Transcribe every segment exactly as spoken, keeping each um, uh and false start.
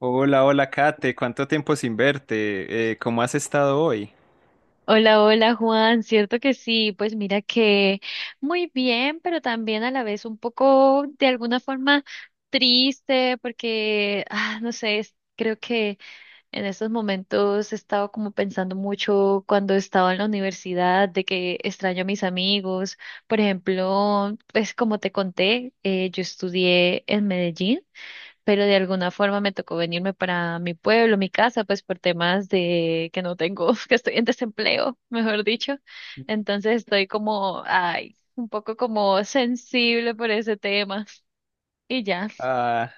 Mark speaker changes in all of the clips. Speaker 1: Hola, hola Kate, ¿cuánto tiempo sin verte? Eh, ¿cómo has estado hoy?
Speaker 2: Hola, hola Juan, cierto que sí, pues mira que muy bien, pero también a la vez un poco de alguna forma triste porque, ah, no sé, es- creo que en estos momentos he estado como pensando mucho cuando estaba en la universidad de que extraño a mis amigos. Por ejemplo, pues como te conté, eh, yo estudié en Medellín pero de alguna forma me tocó venirme para mi pueblo, mi casa, pues por temas de que no tengo, que estoy en desempleo, mejor dicho. Entonces estoy como, ay, un poco como sensible por ese tema. Y ya.
Speaker 1: Ah.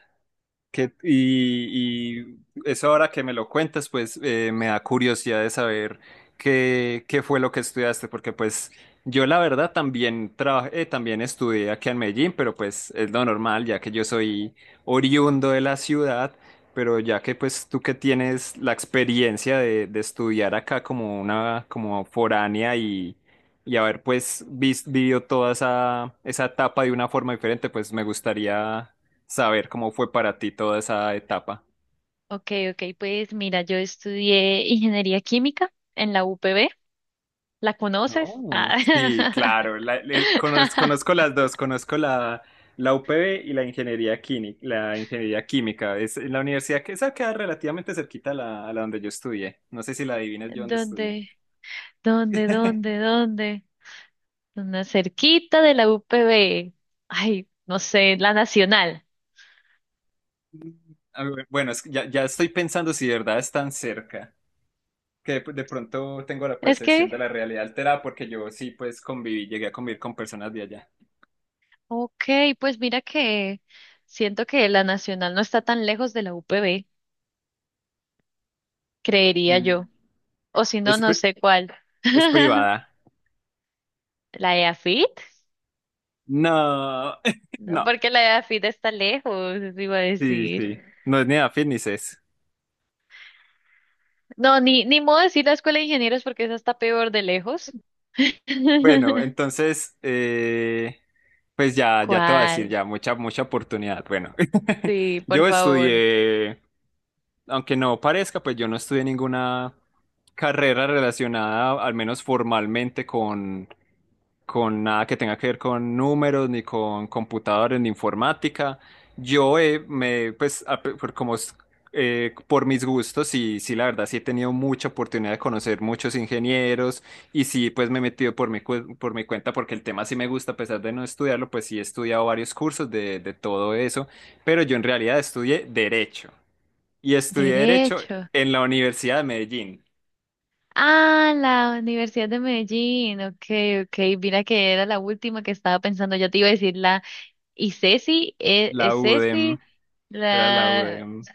Speaker 1: Que, y, y eso ahora que me lo cuentas, pues eh, me da curiosidad de saber qué, qué fue lo que estudiaste, porque pues yo la verdad también trabajé, eh, también estudié aquí en Medellín, pero pues es lo normal, ya que yo soy oriundo de la ciudad, pero ya que pues tú que tienes la experiencia de, de estudiar acá como una, como foránea, y, y haber pues vis- vivido toda esa, esa etapa de una forma diferente, pues me gustaría saber cómo fue para ti toda esa etapa.
Speaker 2: Ok, ok, pues mira, yo estudié ingeniería química en la U P B. ¿La conoces?
Speaker 1: No. Sí,
Speaker 2: Ah.
Speaker 1: claro, la- le- conoz- conozco, las dos, conozco la, la U P B y la ingeniería química, la ingeniería química. Es en la universidad que esa queda relativamente cerquita a la, a la donde yo estudié. No sé si la adivinas yo dónde estudié.
Speaker 2: ¿Dónde? ¿Dónde? ¿Dónde? ¿Dónde? Una cerquita de la U P B. Ay, no sé, la Nacional.
Speaker 1: Ah, bu- Bueno, es que ya, ya estoy pensando si de verdad es tan cerca, que de, de pronto tengo la
Speaker 2: Es
Speaker 1: percepción de la
Speaker 2: que,
Speaker 1: realidad alterada porque yo sí pues conviví, llegué a convivir con personas de allá.
Speaker 2: ok, pues mira que siento que la Nacional no está tan lejos de la U P B, creería
Speaker 1: Mm.
Speaker 2: yo. O si no,
Speaker 1: Es,
Speaker 2: no
Speaker 1: pri-
Speaker 2: sé cuál.
Speaker 1: es privada.
Speaker 2: ¿La EAFIT?
Speaker 1: No,
Speaker 2: No,
Speaker 1: no,
Speaker 2: porque la EAFIT está lejos, eso iba a
Speaker 1: sí,
Speaker 2: decir.
Speaker 1: sí. No es ni afín ni ces.
Speaker 2: No, ni, ni modo decir la Escuela de Ingenieros porque esa está peor de lejos.
Speaker 1: Bueno, entonces, eh, pues ya, ya te voy a decir,
Speaker 2: ¿Cuál?
Speaker 1: ya, mucha, mucha oportunidad. Bueno,
Speaker 2: Sí, por
Speaker 1: yo
Speaker 2: favor.
Speaker 1: estudié, aunque no parezca, pues yo no estudié ninguna carrera relacionada, al menos formalmente, con, con nada que tenga que ver con números, ni con computadores, ni informática. Yo eh, me, pues, a- por, como, es- eh, Por mis gustos, sí, sí, la verdad, sí he tenido mucha oportunidad de conocer muchos ingenieros y sí, pues me he metido por mi, cu- por mi cuenta porque el tema sí me gusta, a pesar de no estudiarlo, pues sí he estudiado varios cursos de, de todo eso, pero yo en realidad estudié Derecho y estudié Derecho
Speaker 2: Derecho.
Speaker 1: en la Universidad de Medellín,
Speaker 2: Ah, la Universidad de Medellín. Ok, ok. Mira que era la última que estaba pensando. Yo te iba a decir la Y Ceci, eh, eh,
Speaker 1: la
Speaker 2: Ceci,
Speaker 1: UDEM, era la
Speaker 2: la...
Speaker 1: UDEM.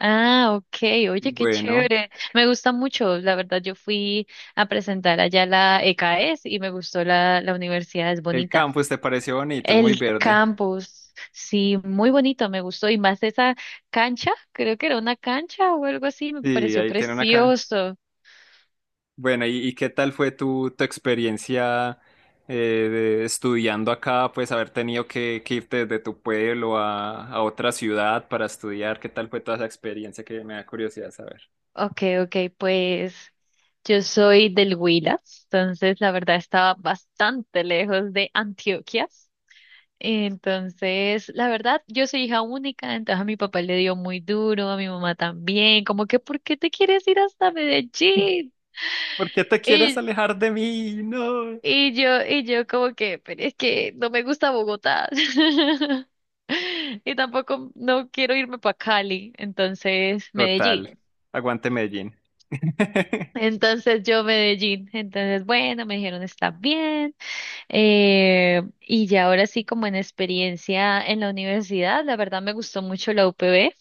Speaker 2: Ah, ok, oye, qué
Speaker 1: Bueno,
Speaker 2: chévere. Me gusta mucho, la verdad, yo fui a presentar allá la ECAES y me gustó la, la universidad, es
Speaker 1: el
Speaker 2: bonita.
Speaker 1: campus te pareció bonito, es muy
Speaker 2: El
Speaker 1: verde.
Speaker 2: campus, sí, muy bonito, me gustó. Y más esa cancha, creo que era una cancha o algo así, me
Speaker 1: Sí,
Speaker 2: pareció
Speaker 1: ahí tiene una, ca-
Speaker 2: precioso.
Speaker 1: bueno, ¿y, y qué tal fue tu, tu, experiencia eh, de- estudiando acá? Pues haber tenido que, que irte desde tu pueblo a, a otra ciudad para estudiar. ¿Qué tal fue toda esa experiencia que me da curiosidad saber?
Speaker 2: Ok, ok, pues yo soy del Huila, entonces la verdad estaba bastante lejos de Antioquia. Entonces, la verdad, yo soy hija única, entonces a mi papá le dio muy duro, a mi mamá también, como que, ¿por qué te quieres ir hasta Medellín?
Speaker 1: ¿Por qué te quieres
Speaker 2: Y,
Speaker 1: alejar de mí? No.
Speaker 2: y yo, y yo como que, pero es que no me gusta Bogotá. Y tampoco no quiero irme para Cali, entonces
Speaker 1: Total.
Speaker 2: Medellín.
Speaker 1: Aguante Medellín.
Speaker 2: Entonces yo Medellín. Entonces, bueno, me dijeron está bien. Eh, y ya ahora sí, como en experiencia en la universidad, la verdad me gustó mucho la U P B.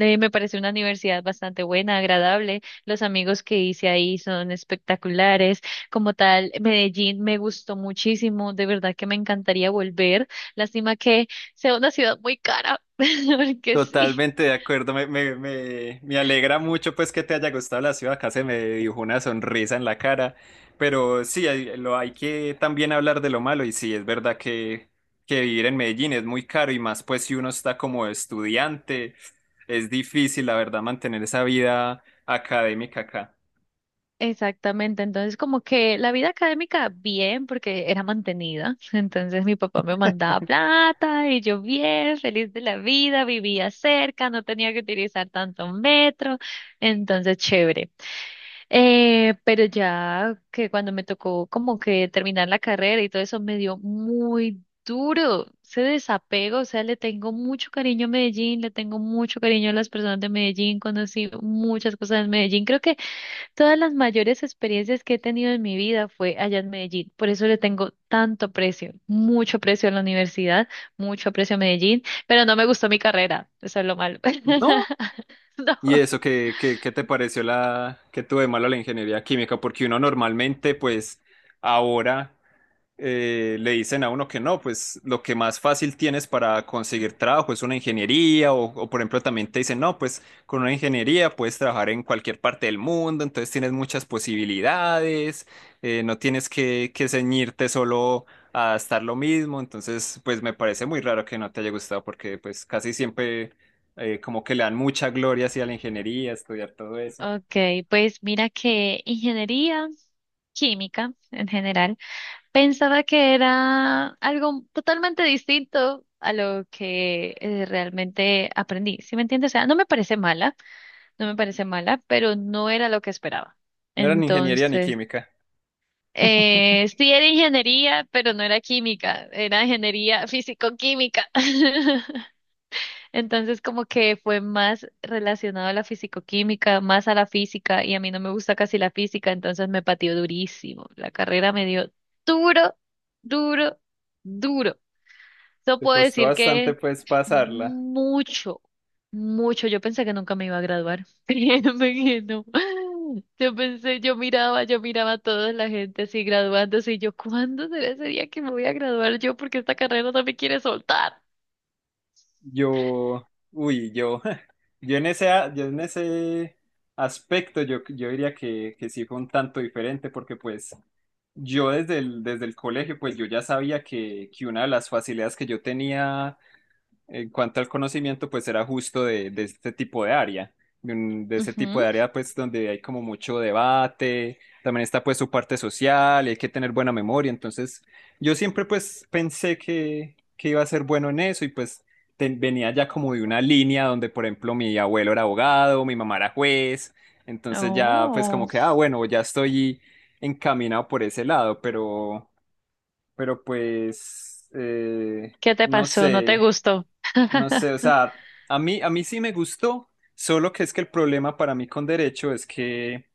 Speaker 2: Eh, me parece una universidad bastante buena, agradable. Los amigos que hice ahí son espectaculares. Como tal, Medellín me gustó muchísimo. De verdad que me encantaría volver. Lástima que sea una ciudad muy cara, porque sí.
Speaker 1: Totalmente de acuerdo, me, me, me, me alegra mucho pues que te haya gustado la ciudad, acá se me dibujó una sonrisa en la cara, pero sí, hay, lo, hay que también hablar de lo malo y sí, es verdad que, que, vivir en Medellín es muy caro y más pues si uno está como estudiante, es difícil la verdad mantener esa vida académica acá.
Speaker 2: Exactamente, entonces como que la vida académica bien porque era mantenida, entonces mi papá me mandaba plata y yo bien, feliz de la vida, vivía cerca, no tenía que utilizar tanto metro, entonces chévere. Eh, pero ya que cuando me tocó como que terminar la carrera y todo eso me dio muy duro ese desapego, o sea, le tengo mucho cariño a Medellín, le tengo mucho cariño a las personas de Medellín, conocí muchas cosas en Medellín, creo que todas las mayores experiencias que he tenido en mi vida fue allá en Medellín. Por eso le tengo tanto precio, mucho precio a la universidad, mucho precio a Medellín, pero no me gustó mi carrera. Eso es lo malo.
Speaker 1: No.
Speaker 2: No.
Speaker 1: ¿Y eso qué, qué, qué te pareció la que tuve malo la ingeniería química? Porque uno normalmente, pues, ahora eh, le dicen a uno que no, pues lo que más fácil tienes para conseguir trabajo es una ingeniería o, o, por ejemplo también te dicen, no, pues con una ingeniería puedes trabajar en cualquier parte del mundo, entonces tienes muchas posibilidades, eh, no tienes que, que, ceñirte solo a estar lo mismo, entonces pues me parece muy raro que no te haya gustado porque pues casi siempre eh, como que le dan mucha gloria hacia la ingeniería, estudiar todo eso.
Speaker 2: Ok, pues mira que ingeniería química en general, pensaba que era algo totalmente distinto a lo que eh, realmente aprendí. ¿Sí me entiendes? O sea, no me parece mala, no me parece mala, pero no era lo que esperaba.
Speaker 1: No era ni ingeniería ni
Speaker 2: Entonces,
Speaker 1: química,
Speaker 2: Eh, sí era ingeniería, pero no era química, era ingeniería físico-química. Entonces como que fue más relacionado a la físico-química, más a la física, y a mí no me gusta casi la física, entonces me pateó durísimo. La carrera me dio duro, duro, duro. Eso
Speaker 1: te
Speaker 2: puedo
Speaker 1: costó
Speaker 2: decir
Speaker 1: bastante
Speaker 2: que
Speaker 1: pues pasarla.
Speaker 2: mucho, mucho. Yo pensé que nunca me iba a graduar. Créeme que no. Yo pensé, yo miraba, yo miraba a toda la gente así graduándose y yo, ¿cuándo será ese día que me voy a graduar yo? Porque esta carrera no me quiere soltar.
Speaker 1: Yo, uy, yo, yo en ese, a- yo en ese aspecto, yo, yo diría que, que, sí fue un tanto diferente, porque pues yo desde el, desde el, colegio, pues yo ya sabía que, que una de las facilidades que yo tenía en cuanto al conocimiento, pues era justo de, de este tipo de área, de, un- de ese tipo de
Speaker 2: Ujú.
Speaker 1: área, pues donde hay como mucho debate, también está pues su parte social, y hay que tener buena memoria, entonces yo siempre pues pensé que, que iba a ser bueno en eso y pues ten- venía ya como de una línea donde, por ejemplo, mi abuelo era abogado, mi mamá era juez, entonces ya pues
Speaker 2: Oh,
Speaker 1: como que, ah, bueno, ya estoy encaminado por ese lado, pero, pero pues... eh,
Speaker 2: ¿qué te
Speaker 1: no
Speaker 2: pasó? ¿No te
Speaker 1: sé,
Speaker 2: gustó?
Speaker 1: no sé, o sea, a mí, a mí sí me gustó, solo que es que el problema para mí con derecho es que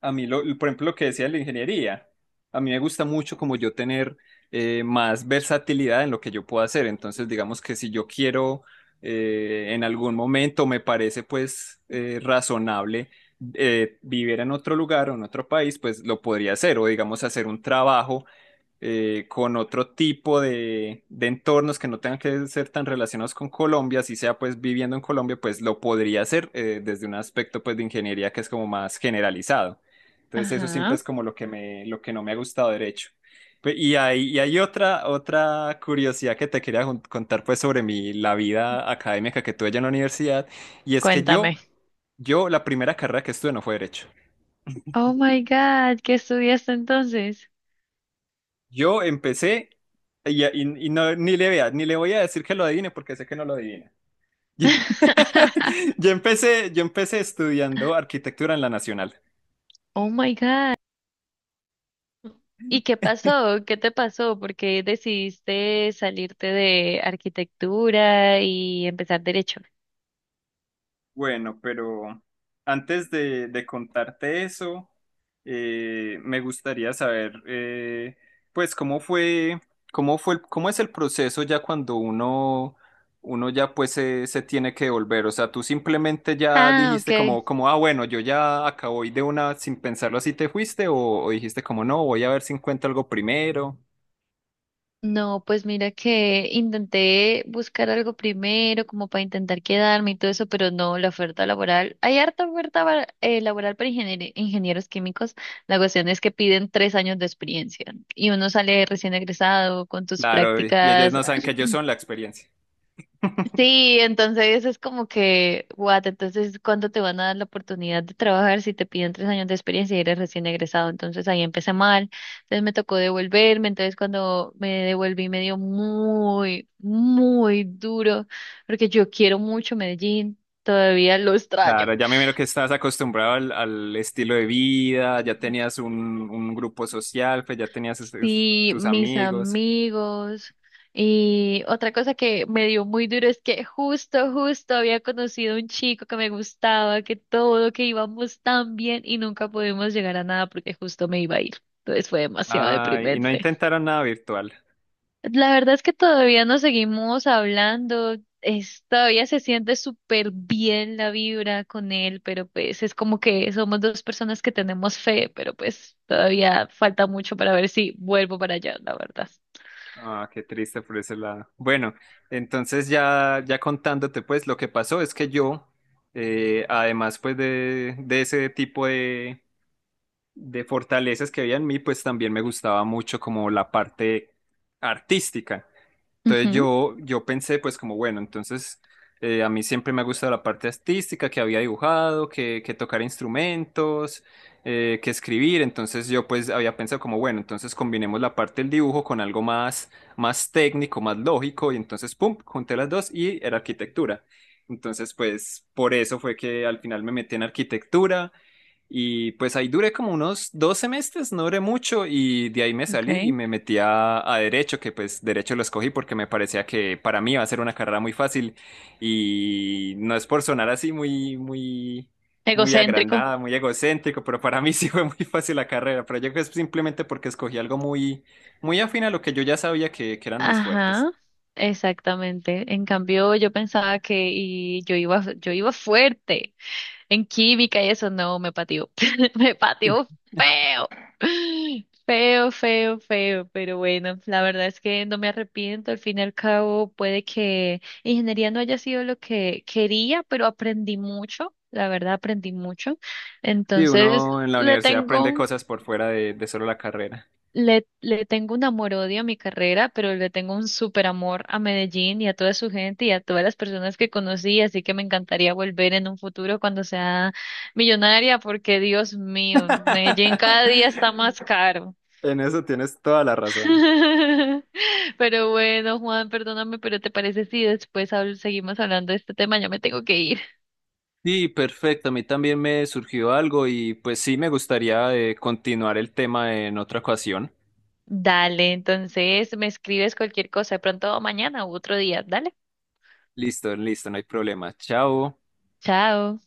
Speaker 1: a mí, lo, por ejemplo, lo que decía de la ingeniería, a mí me gusta mucho como yo tener eh, más versatilidad en lo que yo puedo hacer. Entonces, digamos que si yo quiero eh, en algún momento me parece pues eh, razonable eh, vivir en otro lugar o en otro país, pues lo podría hacer o digamos hacer un trabajo eh, con otro tipo de, de entornos que no tengan que ser tan relacionados con Colombia, si sea pues viviendo en Colombia, pues lo podría hacer eh, desde un aspecto pues de ingeniería que es como más generalizado. Entonces eso siempre
Speaker 2: Ajá,
Speaker 1: es como lo que me, lo que no me ha gustado derecho. Pe- Y hay, y hay otra, otra, curiosidad que te quería jun- contar pues sobre mi, la vida académica que tuve allá en la universidad, y es que yo,
Speaker 2: cuéntame.
Speaker 1: yo la primera carrera que estudié no fue derecho.
Speaker 2: Oh my God, ¿qué estudiaste entonces?
Speaker 1: Yo empecé y, y- y no, ni le vea, ni le voy a decir que lo adivine porque sé que no lo adivina. Yo empecé, yo empecé estudiando arquitectura en la Nacional.
Speaker 2: Oh my God. ¿Y qué pasó? ¿Qué te pasó? ¿Por qué decidiste salirte de arquitectura y empezar derecho?
Speaker 1: Bueno, pero antes de, de contarte eso, eh, me gustaría saber, eh, pues, cómo fue, cómo fue, el- cómo es el proceso ya cuando uno, uno ya pues se, se tiene que volver. O sea, tú simplemente ya
Speaker 2: Ah,
Speaker 1: dijiste
Speaker 2: ok.
Speaker 1: como, como, ah, bueno, yo ya acabo y de una sin pensarlo así te fuiste, o, o dijiste como, no, voy a ver si encuentro algo primero.
Speaker 2: No, pues mira que intenté buscar algo primero, como para intentar quedarme y todo eso, pero no, la oferta laboral. Hay harta oferta va- eh, laboral para ingenier- ingenieros químicos. La cuestión es que piden tres años de experiencia y uno sale recién egresado con tus
Speaker 1: Claro, y y ellos
Speaker 2: prácticas.
Speaker 1: no saben que ellos son la experiencia.
Speaker 2: Sí, entonces es como que, what, entonces, ¿cuándo te van a dar la oportunidad de trabajar si te piden tres años de experiencia y eres recién egresado? Entonces ahí empecé mal, entonces me tocó devolverme, entonces cuando me devolví me dio muy, muy duro, porque yo quiero mucho Medellín, todavía lo
Speaker 1: Claro,
Speaker 2: extraño.
Speaker 1: ya me miro que estás acostumbrado al, al estilo de vida, ya tenías un, un grupo social, pues ya tenías es- es-
Speaker 2: Sí,
Speaker 1: tus
Speaker 2: mis
Speaker 1: amigos.
Speaker 2: amigos. Y otra cosa que me dio muy duro es que justo, justo había conocido a un chico que me gustaba, que todo, que íbamos tan bien y nunca pudimos llegar a nada porque justo me iba a ir. Entonces fue demasiado
Speaker 1: Ay, y no
Speaker 2: deprimente.
Speaker 1: intentaron nada virtual.
Speaker 2: La verdad es que todavía nos seguimos hablando, es, todavía se siente súper bien la vibra con él, pero pues es como que somos dos personas que tenemos fe, pero pues todavía falta mucho para ver si vuelvo para allá, la verdad.
Speaker 1: Ah, qué triste por ese lado. Bueno, entonces ya, ya contándote, pues lo que pasó es que yo, eh, además pues de, de ese tipo de, de fortalezas que había en mí, pues también me gustaba mucho como la parte artística. Entonces
Speaker 2: Ujú,
Speaker 1: yo, yo pensé pues como, bueno, entonces eh, a mí siempre me ha gustado la parte artística, que había dibujado, que, que tocar instrumentos, eh, que escribir, entonces yo pues había pensado como, bueno, entonces combinemos la parte del dibujo con algo más, más técnico, más lógico, y entonces, ¡pum!, junté las dos y era arquitectura. Entonces pues por eso fue que al final me metí en arquitectura. Y pues ahí duré como unos dos semestres, no duré mucho y de ahí me salí y
Speaker 2: ok.
Speaker 1: me metí a, a Derecho, que pues Derecho lo escogí porque me parecía que para mí iba a ser una carrera muy fácil y no es por sonar así muy, muy, muy
Speaker 2: Egocéntrico.
Speaker 1: agrandada, muy egocéntrico, pero para mí sí fue muy fácil la carrera, pero yo creo que es simplemente porque escogí algo muy, muy afín a lo que yo ya sabía que, que eran mis fuertes.
Speaker 2: Ajá, exactamente. En cambio, yo pensaba que y yo iba, yo iba fuerte en química y eso no me pateó. Me pateó feo. Feo, feo, feo. Pero bueno, la verdad es que no me arrepiento. Al fin y al cabo, puede que ingeniería no haya sido lo que quería, pero aprendí mucho. La verdad, aprendí mucho.
Speaker 1: Y
Speaker 2: Entonces,
Speaker 1: uno en la
Speaker 2: le
Speaker 1: universidad aprende
Speaker 2: tengo
Speaker 1: cosas por fuera de, de, solo la carrera.
Speaker 2: le, le tengo un amor-odio a mi carrera, pero le tengo un súper amor a Medellín y a toda su gente y a todas las personas que conocí, así que me encantaría volver en un futuro cuando sea millonaria, porque Dios mío, Medellín cada día está más caro.
Speaker 1: En eso tienes toda la razón.
Speaker 2: Pero bueno, Juan, perdóname, pero ¿te parece si después habl- seguimos hablando de este tema? Ya me tengo que ir.
Speaker 1: Sí, perfecto. A mí también me surgió algo y pues sí me gustaría eh, continuar el tema en otra ocasión.
Speaker 2: Dale, entonces me escribes cualquier cosa, de pronto mañana u otro día. Dale,
Speaker 1: Listo, listo, no hay problema. Chao.
Speaker 2: chao.